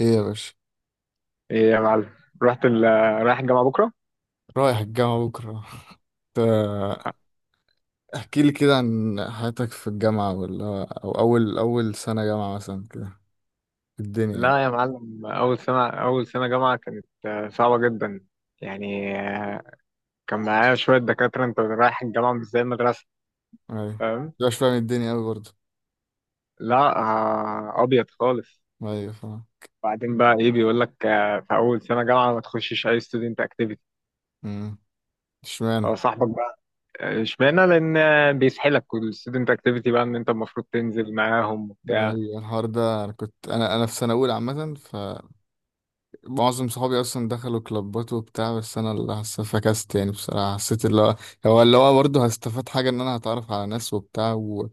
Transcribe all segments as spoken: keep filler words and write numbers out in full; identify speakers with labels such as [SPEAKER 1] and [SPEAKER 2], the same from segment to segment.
[SPEAKER 1] ايه يا باشا.
[SPEAKER 2] ايه يا معلم. رحت ال... رايح الجامعة بكرة؟
[SPEAKER 1] رايح الجامعة بكرة. تا- احكي لي كده عن حياتك في الجامعة، ولا او اول اول سنة جامعة مثلا كده، في الدنيا يعني.
[SPEAKER 2] لا يا معلم، أول سنة أول سنة جامعة كانت آه، صعبة جدا. يعني، آه، كان معايا شوية دكاترة. أنت رايح الجامعة مش زي المدرسة،
[SPEAKER 1] ايوه.
[SPEAKER 2] فاهم؟
[SPEAKER 1] مش فاهم الدنيا اوي برضه.
[SPEAKER 2] لا، آه، أبيض خالص.
[SPEAKER 1] ايوه فاهم.
[SPEAKER 2] بعدين بقى إيه بيقول لك آه، في أول سنة جامعة ما تخشش أي ستودنت أكتيفيتي،
[SPEAKER 1] امم اشمعنى.
[SPEAKER 2] فصاحبك بقى. آه، اشمعنى؟ لأن آه، بيسحلك، والستودنت أكتيفيتي بقى إن أنت المفروض تنزل معاهم وبتاع.
[SPEAKER 1] ايوه الحوار ده، انا كنت، انا انا في سنة اولى عامة، معظم صحابي اصلا دخلوا كلابات وبتاع، بس انا اللي حس- فكست يعني بصراحه. حسيت اللي هو، هو اللي هو برضه هستفاد حاجه، ان انا هتعرف على ناس وبتاع و...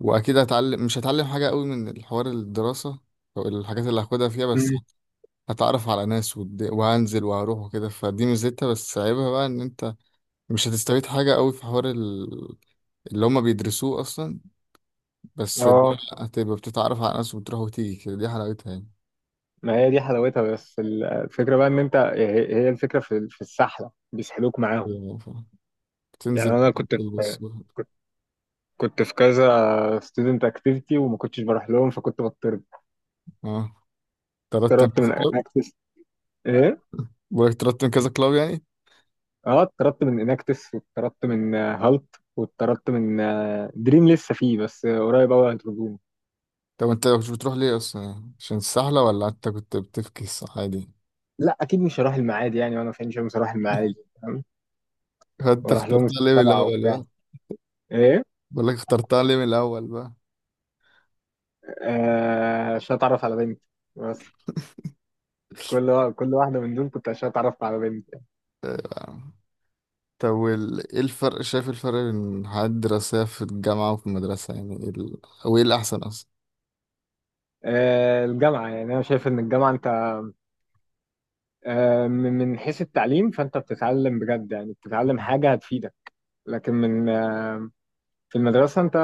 [SPEAKER 1] واكيد هتعلم، مش هتعلم حاجه قوي من الحوار الدراسه، او الحاجات اللي هاخدها فيها، بس
[SPEAKER 2] مم.
[SPEAKER 1] هتعرف على ناس ود... وهنزل وهروح وكده، فدي ميزتها. بس عيبها بقى ان انت مش هتستفيد حاجه قوي في حوار ال... اللي هما بيدرسوه اصلا. بس اللي
[SPEAKER 2] اه،
[SPEAKER 1] هو هتبقى بتتعرف على ناس وبتروح وتيجي كده، دي حلاوتها يعني.
[SPEAKER 2] ما هي دي حلاوتها. بس ال- الفكرة بقى ان انت، هي هي الفكرة في في السحلة بيسحلوك معاهم.
[SPEAKER 1] يعني ف-
[SPEAKER 2] يعني
[SPEAKER 1] بتنزل،
[SPEAKER 2] انا كنت في،
[SPEAKER 1] تلبس.
[SPEAKER 2] كنت كنت في كذا ستودنت اكتيفيتي وما كنتش بروح لهم فكنت بطرد.
[SPEAKER 1] اه. ترتب
[SPEAKER 2] اتطردت
[SPEAKER 1] كذا
[SPEAKER 2] من
[SPEAKER 1] كلاب.
[SPEAKER 2] اناكتس. ايه.
[SPEAKER 1] بقولك ترتب كذا كلاب يعني.
[SPEAKER 2] اه، اتطردت من اناكتس، واتطردت من هالت، واتطردت من آه، دريم لسه فيه بس قريب قوي هيطردوني.
[SPEAKER 1] طب انت كنت بتروح ليه اصلا؟ يعني عشان السحلة ولا انت كنت بتفكس عادي؟
[SPEAKER 2] لا اكيد مش هروح المعادي يعني، وانا في عين شمس هروح المعادي؟ فاهم؟
[SPEAKER 1] انت
[SPEAKER 2] واروح لهم
[SPEAKER 1] اخترتها ليه من
[SPEAKER 2] السبعة
[SPEAKER 1] الاول
[SPEAKER 2] وبتاع.
[SPEAKER 1] بقى؟
[SPEAKER 2] ايه.
[SPEAKER 1] بقولك اخترتها ليه من الاول بقى؟
[SPEAKER 2] آه، عشان اتعرف على بنت بس. كل وا- كل واحده من دول كنت عشان اتعرف على بنت.
[SPEAKER 1] آه، طب وال- ايه الفرق؟ شايف الفرق بين الحياة الدراسية في الجامعة وفي المدرسة؟ يعني ايه ال... او ايه الأحسن أصلا؟
[SPEAKER 2] آه، الجامعه، يعني انا شايف ان الجامعه انت آه، من من حيث التعليم، فانت بتتعلم بجد، يعني بتتعلم حاجه هتفيدك. لكن من آه، في المدرسه انت،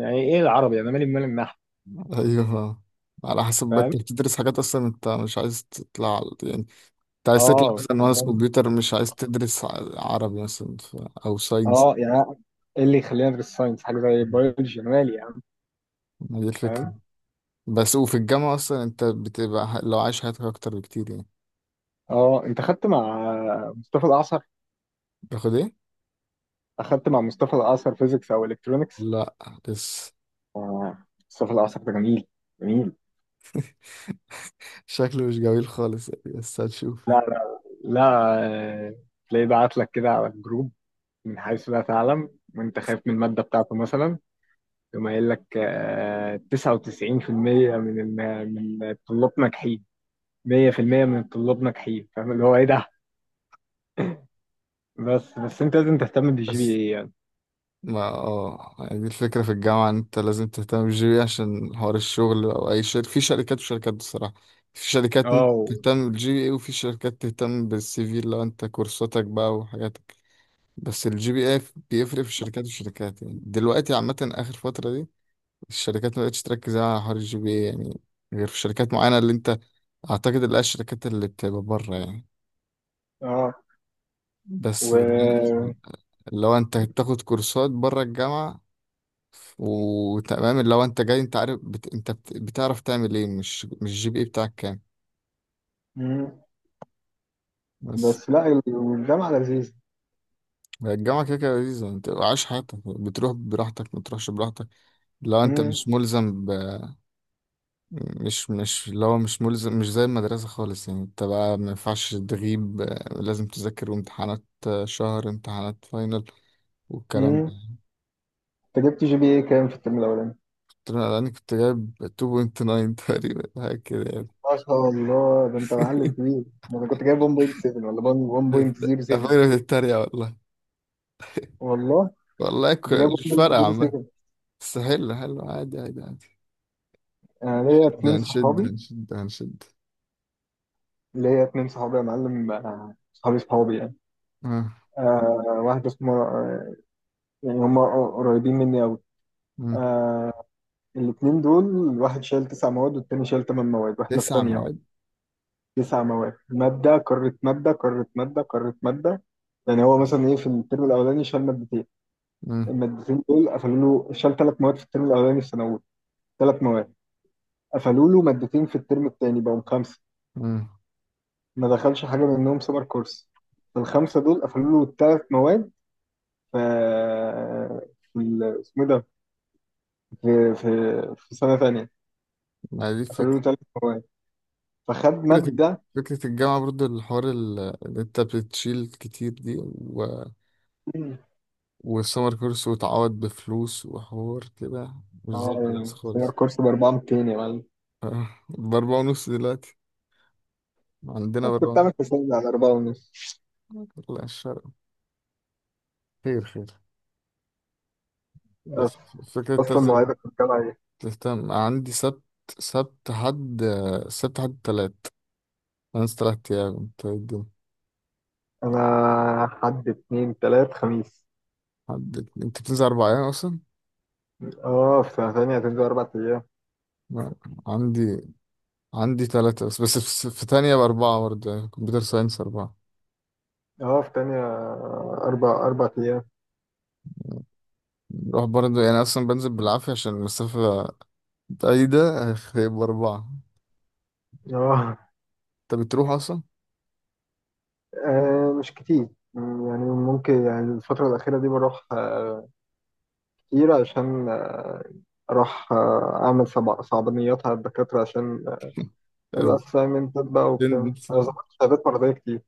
[SPEAKER 2] يعني ايه العربي؟ انا مالي بمال النحو.
[SPEAKER 1] أيوه. على حسب بقى،
[SPEAKER 2] فاهم.
[SPEAKER 1] انت بتدرس حاجات أصلا انت مش عايز تطلع على- يعني انت عايز تطلع
[SPEAKER 2] اه
[SPEAKER 1] مثلا مهندس
[SPEAKER 2] يعني-
[SPEAKER 1] كمبيوتر، مش عايز تدرس ع- عربي مثلا، ف... أو ساينس.
[SPEAKER 2] اه يعني ايه اللي يخليني ادرس ساينس؟ حاجه زي بيولوجي أنا مالي يعني؟
[SPEAKER 1] ما دي الفكرة.
[SPEAKER 2] فاهم.
[SPEAKER 1] بس وفي الجامعة أصلا أنت بتبقى ح- لو عايش حياتك أكتر بكتير يعني.
[SPEAKER 2] اه، انت خدت مع مصطفى الاعصر؟
[SPEAKER 1] تاخد إيه؟
[SPEAKER 2] اخدت مع مصطفى الاعصر فيزيكس او الكترونكس؟
[SPEAKER 1] لا لسه.
[SPEAKER 2] اه. مصطفى الاعصر ده جميل، جميل.
[SPEAKER 1] شكله مش جميل خالص يعني، بس هنشوف.
[SPEAKER 2] لا لا لا، آه، تلاقيه بعت لك كده على الجروب من حيث لا تعلم، وانت خايف من المادة بتاعته مثلا، يقوم قايل لك آه، تسعة وتسعين في المية من الم- من الطلاب ناجحين، مية في المية من الطلاب ناجحين. فاهم اللي هو ايه ده؟ بس بس انت لازم تهتم بالجي بي
[SPEAKER 1] بس
[SPEAKER 2] اي يعني.
[SPEAKER 1] ما اه، يعني دي الفكرة في الجامعة، إن أنت لازم تهتم بالجي بي عشان حوار الشغل أو أي شركة. في شركات وشركات بصراحة. في شركات
[SPEAKER 2] اه.
[SPEAKER 1] ممكن
[SPEAKER 2] و-
[SPEAKER 1] تهتم بالجي بي اي، وفي شركات تهتم بالسي في لو أنت كورساتك بقى وحاجاتك. بس الجي بي اي بيفرق في الشركات وشركات يعني. دلوقتي عامة آخر فترة دي الشركات ما بقتش تركز على حوار الجي بي اي يعني، غير في شركات معينة اللي انت اعتقد اللي هي الشركات اللي بتبقى بره يعني.
[SPEAKER 2] اه
[SPEAKER 1] بس
[SPEAKER 2] و
[SPEAKER 1] اللي هو انت بتاخد كورسات بره الجامعة وتمام، اللي هو انت جاي انت عارف بت... انت بت... بتعرف تعمل ايه، مش مش الجي بي اي بتاعك كام.
[SPEAKER 2] مم.
[SPEAKER 1] بس.
[SPEAKER 2] بس لا، الجامعة لذيذة.
[SPEAKER 1] الجامعة كده كده لذيذة، انت عايش حياتك، بتروح براحتك ما تروحش براحتك لو انت
[SPEAKER 2] مم.
[SPEAKER 1] مش ملزم. مش مش اللي هو مش ملزم، مش زي المدرسة خالص يعني. انت بقى ما ينفعش تغيب، آه، لازم تذاكر، وامتحانات، آه، شهر امتحانات فاينل والكلام
[SPEAKER 2] مم.
[SPEAKER 1] ده.
[SPEAKER 2] انت جبت جي بي اي كام في الترم الأولاني؟
[SPEAKER 1] قلت له انا، أنا كنت جايب اتنين فاصلة تسعة تقريبا حاجة كده يعني.
[SPEAKER 2] ما شاء الله، ده انت معلم كبير. ده انا كنت جايب واحد فاصلة سبعة ولا واحد فاصلة صفر سبعة.
[SPEAKER 1] أخويا بتتريق والله.
[SPEAKER 2] والله
[SPEAKER 1] والله ك-
[SPEAKER 2] كنت جايب
[SPEAKER 1] مش فارقة عامة.
[SPEAKER 2] واحد فاصلة صفر سبعة.
[SPEAKER 1] بس حلو حلو عادي عادي عادي.
[SPEAKER 2] انا ليا
[SPEAKER 1] ده
[SPEAKER 2] اتنين
[SPEAKER 1] هنشد
[SPEAKER 2] صحابي.
[SPEAKER 1] هنشد هنشد.
[SPEAKER 2] ليا اتنين صحابي يا معلم، آه، صحابي صحابي يعني.
[SPEAKER 1] آه،
[SPEAKER 2] آه واحد اسمه آه، يعني، هم قريبين مني قوي.
[SPEAKER 1] آه.
[SPEAKER 2] آه الاتنين دول، واحد شال تسع مواد والتاني شال تمن مواد، واحنا في
[SPEAKER 1] تسع
[SPEAKER 2] تانية اهو.
[SPEAKER 1] مواد.
[SPEAKER 2] تسع مواد، مادة قارة مادة قارة مادة قارة مادة. يعني هو مثلا ايه، في الترم الاولاني شال مادتين،
[SPEAKER 1] آه،
[SPEAKER 2] المادتين دول قفلوا له. شال ثلاث مواد في الترم الاولاني في ثانوي، ثلاث مواد قفلوا له. مادتين في الترم الثاني بقوا خمسه،
[SPEAKER 1] آه.
[SPEAKER 2] ما دخلش حاجه منهم سمر كورس، فالخمسه دول قفلوا له الثلاث مواد. ف في ال- اسمه إيه ده، في في في سنه ثانيه
[SPEAKER 1] ما دي
[SPEAKER 2] قفلوا
[SPEAKER 1] الفكرة.
[SPEAKER 2] له ثلاث مواد، فخد
[SPEAKER 1] فكرة الج-
[SPEAKER 2] ماده.
[SPEAKER 1] فكرة الجامعة برضو، الحوار ال- اللي انت بتشيل كتير دي و... والسمر كورس، وتعوض بفلوس وحوار كده، مش زي
[SPEAKER 2] اه،
[SPEAKER 1] الناس
[SPEAKER 2] سمر
[SPEAKER 1] خالص.
[SPEAKER 2] كورس ب اربعة الاف ومتين يا معلم.
[SPEAKER 1] آه، بأربعة ونص دلوقتي، عندنا
[SPEAKER 2] أنا كنت
[SPEAKER 1] بأربعة.
[SPEAKER 2] عامل حسابي على اربعة ونص.
[SPEAKER 1] لا الشرق. خير خير. بس
[SPEAKER 2] أص-
[SPEAKER 1] فكرة
[SPEAKER 2] اصلا
[SPEAKER 1] تلزم
[SPEAKER 2] مواعيدك في الجامعه ايه؟
[SPEAKER 1] تهتم. عندي سبت، سبت حد سبت حد تلات. أنا تلات أيام. انت إيه الدنيا؟
[SPEAKER 2] انا حد اتنين تلات خميس.
[SPEAKER 1] حد. انت بتنزل أربع أيام أصلا؟
[SPEAKER 2] اه، في سنه ثانيه هتنزل اربع ايام.
[SPEAKER 1] لا، عندي، عندي تلاتة بس. بس في في تانية بأربعة برضه، يعني كمبيوتر ساينس أربعة.
[SPEAKER 2] اه، في تانية اربع اربع ايام.
[SPEAKER 1] بروح برضه يعني، أصلا بنزل بالعافية عشان المسافة بعيدة. هيبقى أربعة.
[SPEAKER 2] اه.
[SPEAKER 1] أنت بتروح أصلا؟
[SPEAKER 2] آه مش كتير. مم، يعني ممكن، يعني الفترة الأخيرة دي بروح آه كتير عشان آه أروح آه أعمل صعب- صعبانيات على الدكاترة، عشان آه، الأسايمنتات بقى وبتاع.
[SPEAKER 1] الاتندنس
[SPEAKER 2] أنا ظبطت شهادات مرضية كتير.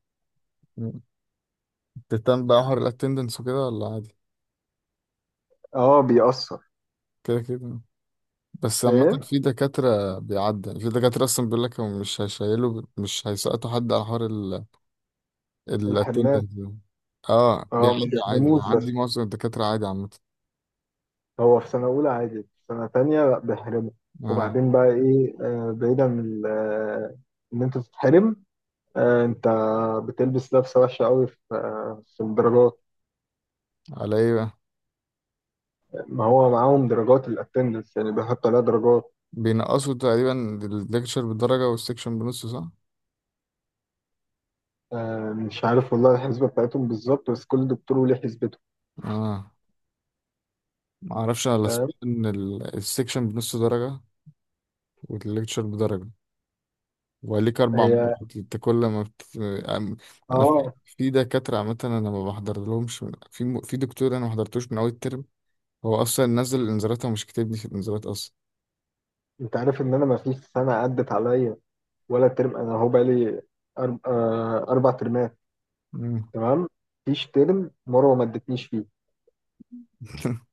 [SPEAKER 1] تهتم بقى حوار الاتندنس وكده، ولا عادي؟
[SPEAKER 2] أه، بيأثر.
[SPEAKER 1] كده كده. بس عامة
[SPEAKER 2] إيه
[SPEAKER 1] في دكاترة بيعدي يعني. في دكاترة أصلا بيقول لك هم مش هيشيلوا، مش هيسقطوا حد على حوار ال الاتندنس
[SPEAKER 2] الحرمان؟
[SPEAKER 1] ده. اه
[SPEAKER 2] أه، ما
[SPEAKER 1] بيعدي. عادي. أنا
[SPEAKER 2] بيحرموش
[SPEAKER 1] عندي
[SPEAKER 2] بس.
[SPEAKER 1] معظم الدكاترة عادي عامة.
[SPEAKER 2] هو في سنة أولى عادي، في سنة تانية لأ بيحرموا.
[SPEAKER 1] اه.
[SPEAKER 2] وبعدين بقى إيه، آه بعيدا من ال- آه، إن أنت تتحرم، آه أنت بتلبس لبسة وحشة أوي في, آه في الدرجات.
[SPEAKER 1] على ايه بقى؟
[SPEAKER 2] ما هو معاهم درجات الاتندنس، يعني بيحط عليها درجات.
[SPEAKER 1] بينقصوا تقريبا الليكتشر بالدرجة والسكشن بنص، صح؟
[SPEAKER 2] آه مش عارف والله الحسبه بتاعتهم بالظبط، بس كل دكتور وليه حسبته.
[SPEAKER 1] اه. ما اعرفش انا، لا سمعت
[SPEAKER 2] فاهم.
[SPEAKER 1] ان ال- السكشن بنص درجه، والليكتشر بدرجه، وليك اربع
[SPEAKER 2] هي
[SPEAKER 1] مرات انت كل ما بت... أم- انا في
[SPEAKER 2] اه،
[SPEAKER 1] في دكاتره عامه انا ما بحضر لهمش. في م- في دكتور انا ما حضرتوش من اول الترم. هو اصلا نزل الانذارات ومش كاتبني في الانذارات اصلا.
[SPEAKER 2] انت عارف ان انا ما فيش سنه عدت عليا ولا ترم، انا هو بقالي أرب... آه اربع ترمات.
[SPEAKER 1] مم.
[SPEAKER 2] تمام. فيش ترم مروه ما ادتنيش فيه.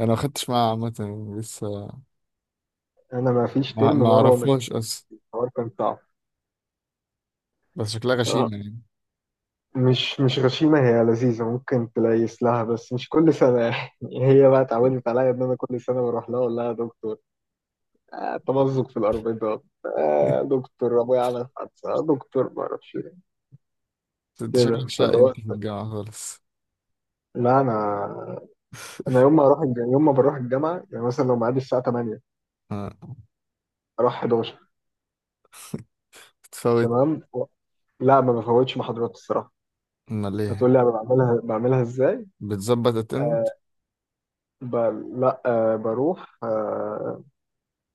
[SPEAKER 1] انا ما خدتش معاه عامه يعني لسه.
[SPEAKER 2] انا ما فيش
[SPEAKER 1] ما
[SPEAKER 2] ترم
[SPEAKER 1] ما
[SPEAKER 2] مروه ما
[SPEAKER 1] اعرفهاش
[SPEAKER 2] ادتنيش.
[SPEAKER 1] اصلا
[SPEAKER 2] الحوار كان صعب.
[SPEAKER 1] بس شكلها
[SPEAKER 2] آه،
[SPEAKER 1] غشيمه يعني.
[SPEAKER 2] مش مش غشيمه، هي لذيذه، ممكن تليس لها، بس مش كل سنه. هي بقى اتعودت عليا ان انا كل سنه بروح لها اقول لها: يا دكتور آه، تمزق في الأربطة، آه، دكتور أبويا عمل حادثة، آه، دكتور ما أعرفش إيه.
[SPEAKER 1] انت شكلك
[SPEAKER 2] كده،
[SPEAKER 1] شقي
[SPEAKER 2] فاللي هو
[SPEAKER 1] انت في الجامعه خالص.
[SPEAKER 2] لا، أنا، أنا يوم ما أروح الج... يوم ما بروح الجامعة يعني، مثلا لو ميعادي الساعة تمانية
[SPEAKER 1] آه.
[SPEAKER 2] أروح حداشر.
[SPEAKER 1] بتفوت.
[SPEAKER 2] تمام و... لا، ما بفوتش محاضرات الصراحة.
[SPEAKER 1] امال ليه؟
[SPEAKER 2] هتقول لي أنا بعملها بعملها إزاي؟
[SPEAKER 1] بتظبط اتند.
[SPEAKER 2] آه، ب... لا، آه، بروح آه،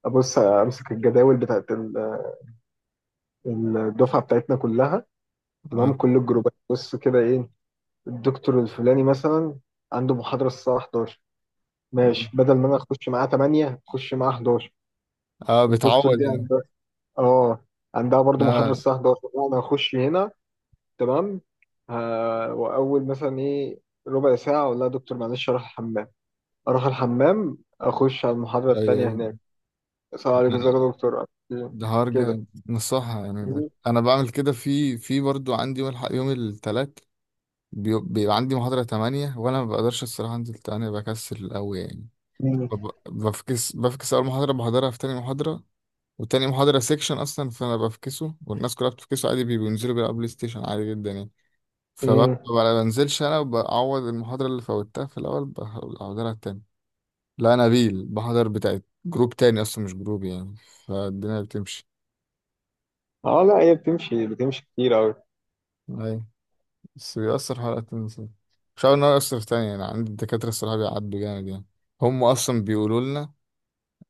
[SPEAKER 2] أبص، آه، أمسك الجداول بتاعت ال- الدفعة بتاعتنا كلها. تمام،
[SPEAKER 1] اه.
[SPEAKER 2] كل الجروبات، بص كده إيه، الدكتور الفلاني مثلا عنده محاضرة الساعة حداشر. ماشي، بدل ما انا اخش معاه تمانية اخش معاه احداشر.
[SPEAKER 1] اه بتعوض
[SPEAKER 2] الدكتور دي
[SPEAKER 1] يعني.
[SPEAKER 2] عندها، اه، عندها برضو محاضرة
[SPEAKER 1] اه.
[SPEAKER 2] الساعة حداشر، انا هخش هنا. تمام. ها، واول مثلا ايه ربع ساعة اقول لها: دكتور معلش اروح الحمام. اروح الحمام اخش على المحاضرة
[SPEAKER 1] أيوة،
[SPEAKER 2] التانية
[SPEAKER 1] أيوة.
[SPEAKER 2] هناك. السلام عليكم، ازيك يا دكتور.
[SPEAKER 1] ده حوار
[SPEAKER 2] كده.
[SPEAKER 1] جامد نصحها يعني ده. انا بعمل كده، في في برضو عندي يوم الح- يوم التلات بيو- بيبقى عندي محاضرة تمانية، وانا ما بقدرش الصراحة انزل تمانية، بكسل قوي يعني.
[SPEAKER 2] مم.
[SPEAKER 1] فب- بفكس بفكس اول محاضرة، بحضرها في تاني محاضرة. وتاني محاضرة سيكشن اصلا، فانا بفكسه، والناس كلها بتفكسه عادي. بي- بينزلوا بيلعبوا بلاي ستيشن عادي جدا يعني. فببقى
[SPEAKER 2] امم.
[SPEAKER 1] ما بنزلش انا، وبعوض المحاضرة اللي فوتها في الاول، بحضرها تاني. لا نبيل، بحضر بتاعت جروب تاني اصلا، مش جروب يعني. فالدنيا بتمشي.
[SPEAKER 2] اه لا، هي بتمشي بتمشي كتير قوي.
[SPEAKER 1] أيوة. بس بيأثر حلقة التنسيق، مش عارف إن هو يأثر تاني يعني. عندي الدكاترة الصراحة بيعدوا جامد يعني. هم أصلا بيقولوا لنا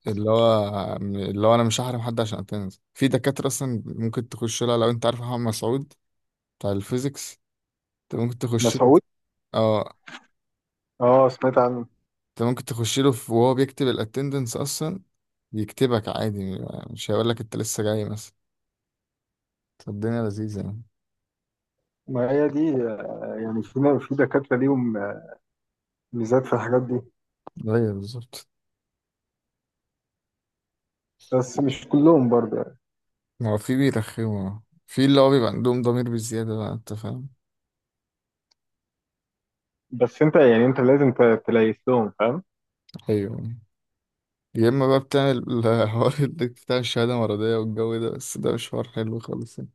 [SPEAKER 1] اللي هو، اللي هو أنا مش هحرم حد عشان أتنس. في دكاترة أصلا ممكن تخش لها لو أنت عارف محمد مسعود بتاع الفيزيكس، أنت ممكن تخش له.
[SPEAKER 2] مسعود؟
[SPEAKER 1] أه.
[SPEAKER 2] اه، سمعت عنه.
[SPEAKER 1] أنت ممكن تخش له في- وهو بيكتب الأتندنس أصلا يكتبك عادي، مش هيقول لك أنت لسه جاي مثلا. فالدنيا لذيذة يعني.
[SPEAKER 2] ما هي دي آه، يعني، في في دكاترة ليهم آه، ميزات في الحاجات دي،
[SPEAKER 1] أيوة بالظبط.
[SPEAKER 2] بس مش كلهم برضه.
[SPEAKER 1] ما هو في بيرخموا، في اللي هو بيبقى عندهم ضمير بالزيادة بقى، أنت فاهم.
[SPEAKER 2] بس انت يعني انت لازم ت- تليس لهم، فاهم.
[SPEAKER 1] أيوه. يا اما بقى بتعمل الحوار اللي بتاع الشهاده المرضيه والجو ده، بس ده مش حوار حلو خالص يعني.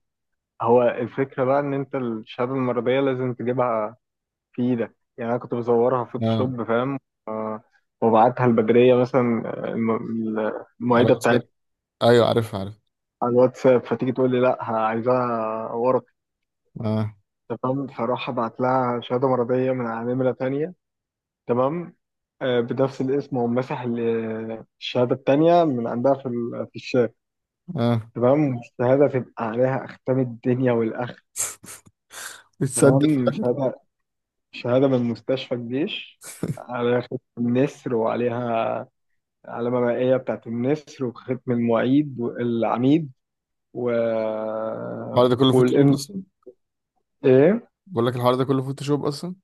[SPEAKER 2] هو الفكرة بقى ان انت الشهادة المرضية لازم تجيبها في ايدك. يعني انا كنت بصورها
[SPEAKER 1] اه.
[SPEAKER 2] فوتوشوب، فاهم، آه، وابعتها البدرية مثلا، آه، الم- المعيدة
[SPEAKER 1] عرفت لا.
[SPEAKER 2] بتاعتي،
[SPEAKER 1] ايوه عارف عارف.
[SPEAKER 2] على الواتساب. فتيجي تقول لي: لا، ه- عايزاها ورق.
[SPEAKER 1] اه.
[SPEAKER 2] تمام، فراح ابعت لها شهادة مرضية من على نمرة تانية، تمام، آه، بنفس الاسم، ومسح ال- الشهادة التانية من عندها في ال- في الشات.
[SPEAKER 1] اه.
[SPEAKER 2] تمام، والشهادة تبقى عليها أختام الدنيا والآخرة.
[SPEAKER 1] بتصدق في
[SPEAKER 2] كمان
[SPEAKER 1] الاخر.
[SPEAKER 2] شهادة، شهادة من مستشفى الجيش، على ختم النسر، وعليها علامة مائية بتاعت النسر، وختم المعيد والعميد و
[SPEAKER 1] الحوار ده كله فوتوشوب
[SPEAKER 2] والإن
[SPEAKER 1] اصلا.
[SPEAKER 2] إيه؟
[SPEAKER 1] بقول لك الحوار ده كله فوتوشوب اصلا.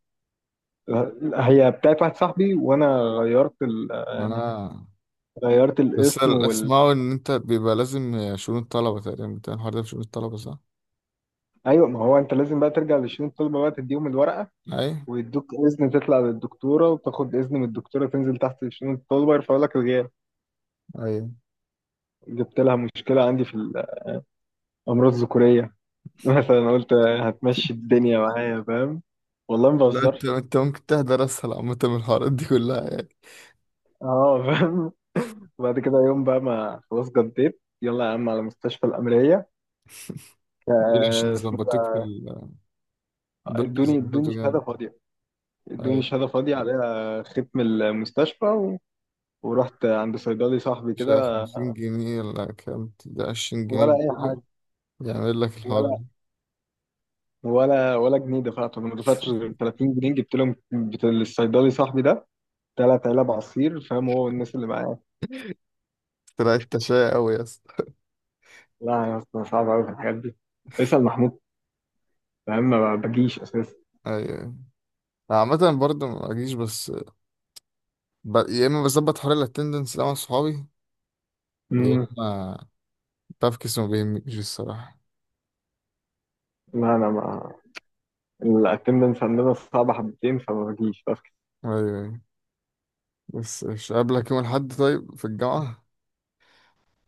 [SPEAKER 2] هي بتاعت واحد صاحبي وأنا غيرت ال...
[SPEAKER 1] اه.
[SPEAKER 2] غيرت
[SPEAKER 1] بس
[SPEAKER 2] الاسم
[SPEAKER 1] اللي
[SPEAKER 2] وال
[SPEAKER 1] اسمعه ان انت بيبقى لازم شؤون الطلبه تقريبا بتاع الحوار ده في شؤون الطلبه، صح؟
[SPEAKER 2] أيوة، ما هو أنت لازم بقى ترجع لشؤون الطلبة بقى، تديهم الورقة،
[SPEAKER 1] ايوه.
[SPEAKER 2] ويدوك إذن تطلع للدكتورة، وتاخد إذن من الدكتورة، تنزل تحت شؤون الطلبة يرفعوا لك الغياب.
[SPEAKER 1] ايوه.
[SPEAKER 2] جبت لها مشكلة عندي في الأمراض الذكورية مثلا، قلت هتمشي الدنيا معايا، فاهم. والله ما
[SPEAKER 1] لا انت،
[SPEAKER 2] بهزرش.
[SPEAKER 1] انت ممكن تحضر اسهل عامه من الحوارات دي كلها يعني.
[SPEAKER 2] اه فاهم. وبعد كده يوم بقى، ما خلاص جديت، يلا يا عم على مستشفى الأمرية،
[SPEAKER 1] دول عشان
[SPEAKER 2] آه، اسمه إيه
[SPEAKER 1] يظبطوك في
[SPEAKER 2] ده.
[SPEAKER 1] ال... دول
[SPEAKER 2] ادوني ادوني
[SPEAKER 1] بيظبطوا
[SPEAKER 2] شهادة
[SPEAKER 1] جامد.
[SPEAKER 2] فاضية، ادوني
[SPEAKER 1] أيوة.
[SPEAKER 2] شهادة فاضية عليها ختم المستشفى و... ورحت عند صيدلي صاحبي
[SPEAKER 1] مش عارف
[SPEAKER 2] كده.
[SPEAKER 1] خمسين جنيه ولا كام، ده عشرين جنيه
[SPEAKER 2] ولا أي
[SPEAKER 1] بيقول
[SPEAKER 2] حاجة،
[SPEAKER 1] يعمل لك الحوار
[SPEAKER 2] ولا
[SPEAKER 1] ده.
[SPEAKER 2] ولا ولا جنيه دفعته. أنا ما دفعتش غير تلاتين جنيه، جبت لهم، بتاع الصيدلي صاحبي ده، ثلاث علب عصير، فاهم، هو والناس اللي معاه.
[SPEAKER 1] طلعت تشاي قوي يا اسطى.
[SPEAKER 2] لا يا اسطى، صعب قوي في الحاجات دي، اسأل محمود. فاهم، ما بجيش اساسا.
[SPEAKER 1] ايوه. عامة برضه ما اجيش، بس ب... يا اما بظبط حوار الاتندنس ده مع صحابي، يا
[SPEAKER 2] امم.
[SPEAKER 1] اما بفكس، ما بيهمنيش الصراحة.
[SPEAKER 2] لا، انا ما، الاتندنس عندنا صعبه حبتين فما بجيش بس.
[SPEAKER 1] ايوه. أيوة. بس مش قابلك يوم الاحد طيب في الجامعة؟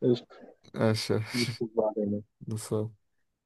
[SPEAKER 2] قشطة.
[SPEAKER 1] ماشي ماشي.
[SPEAKER 2] نشوف بعدين.
[SPEAKER 1] بس.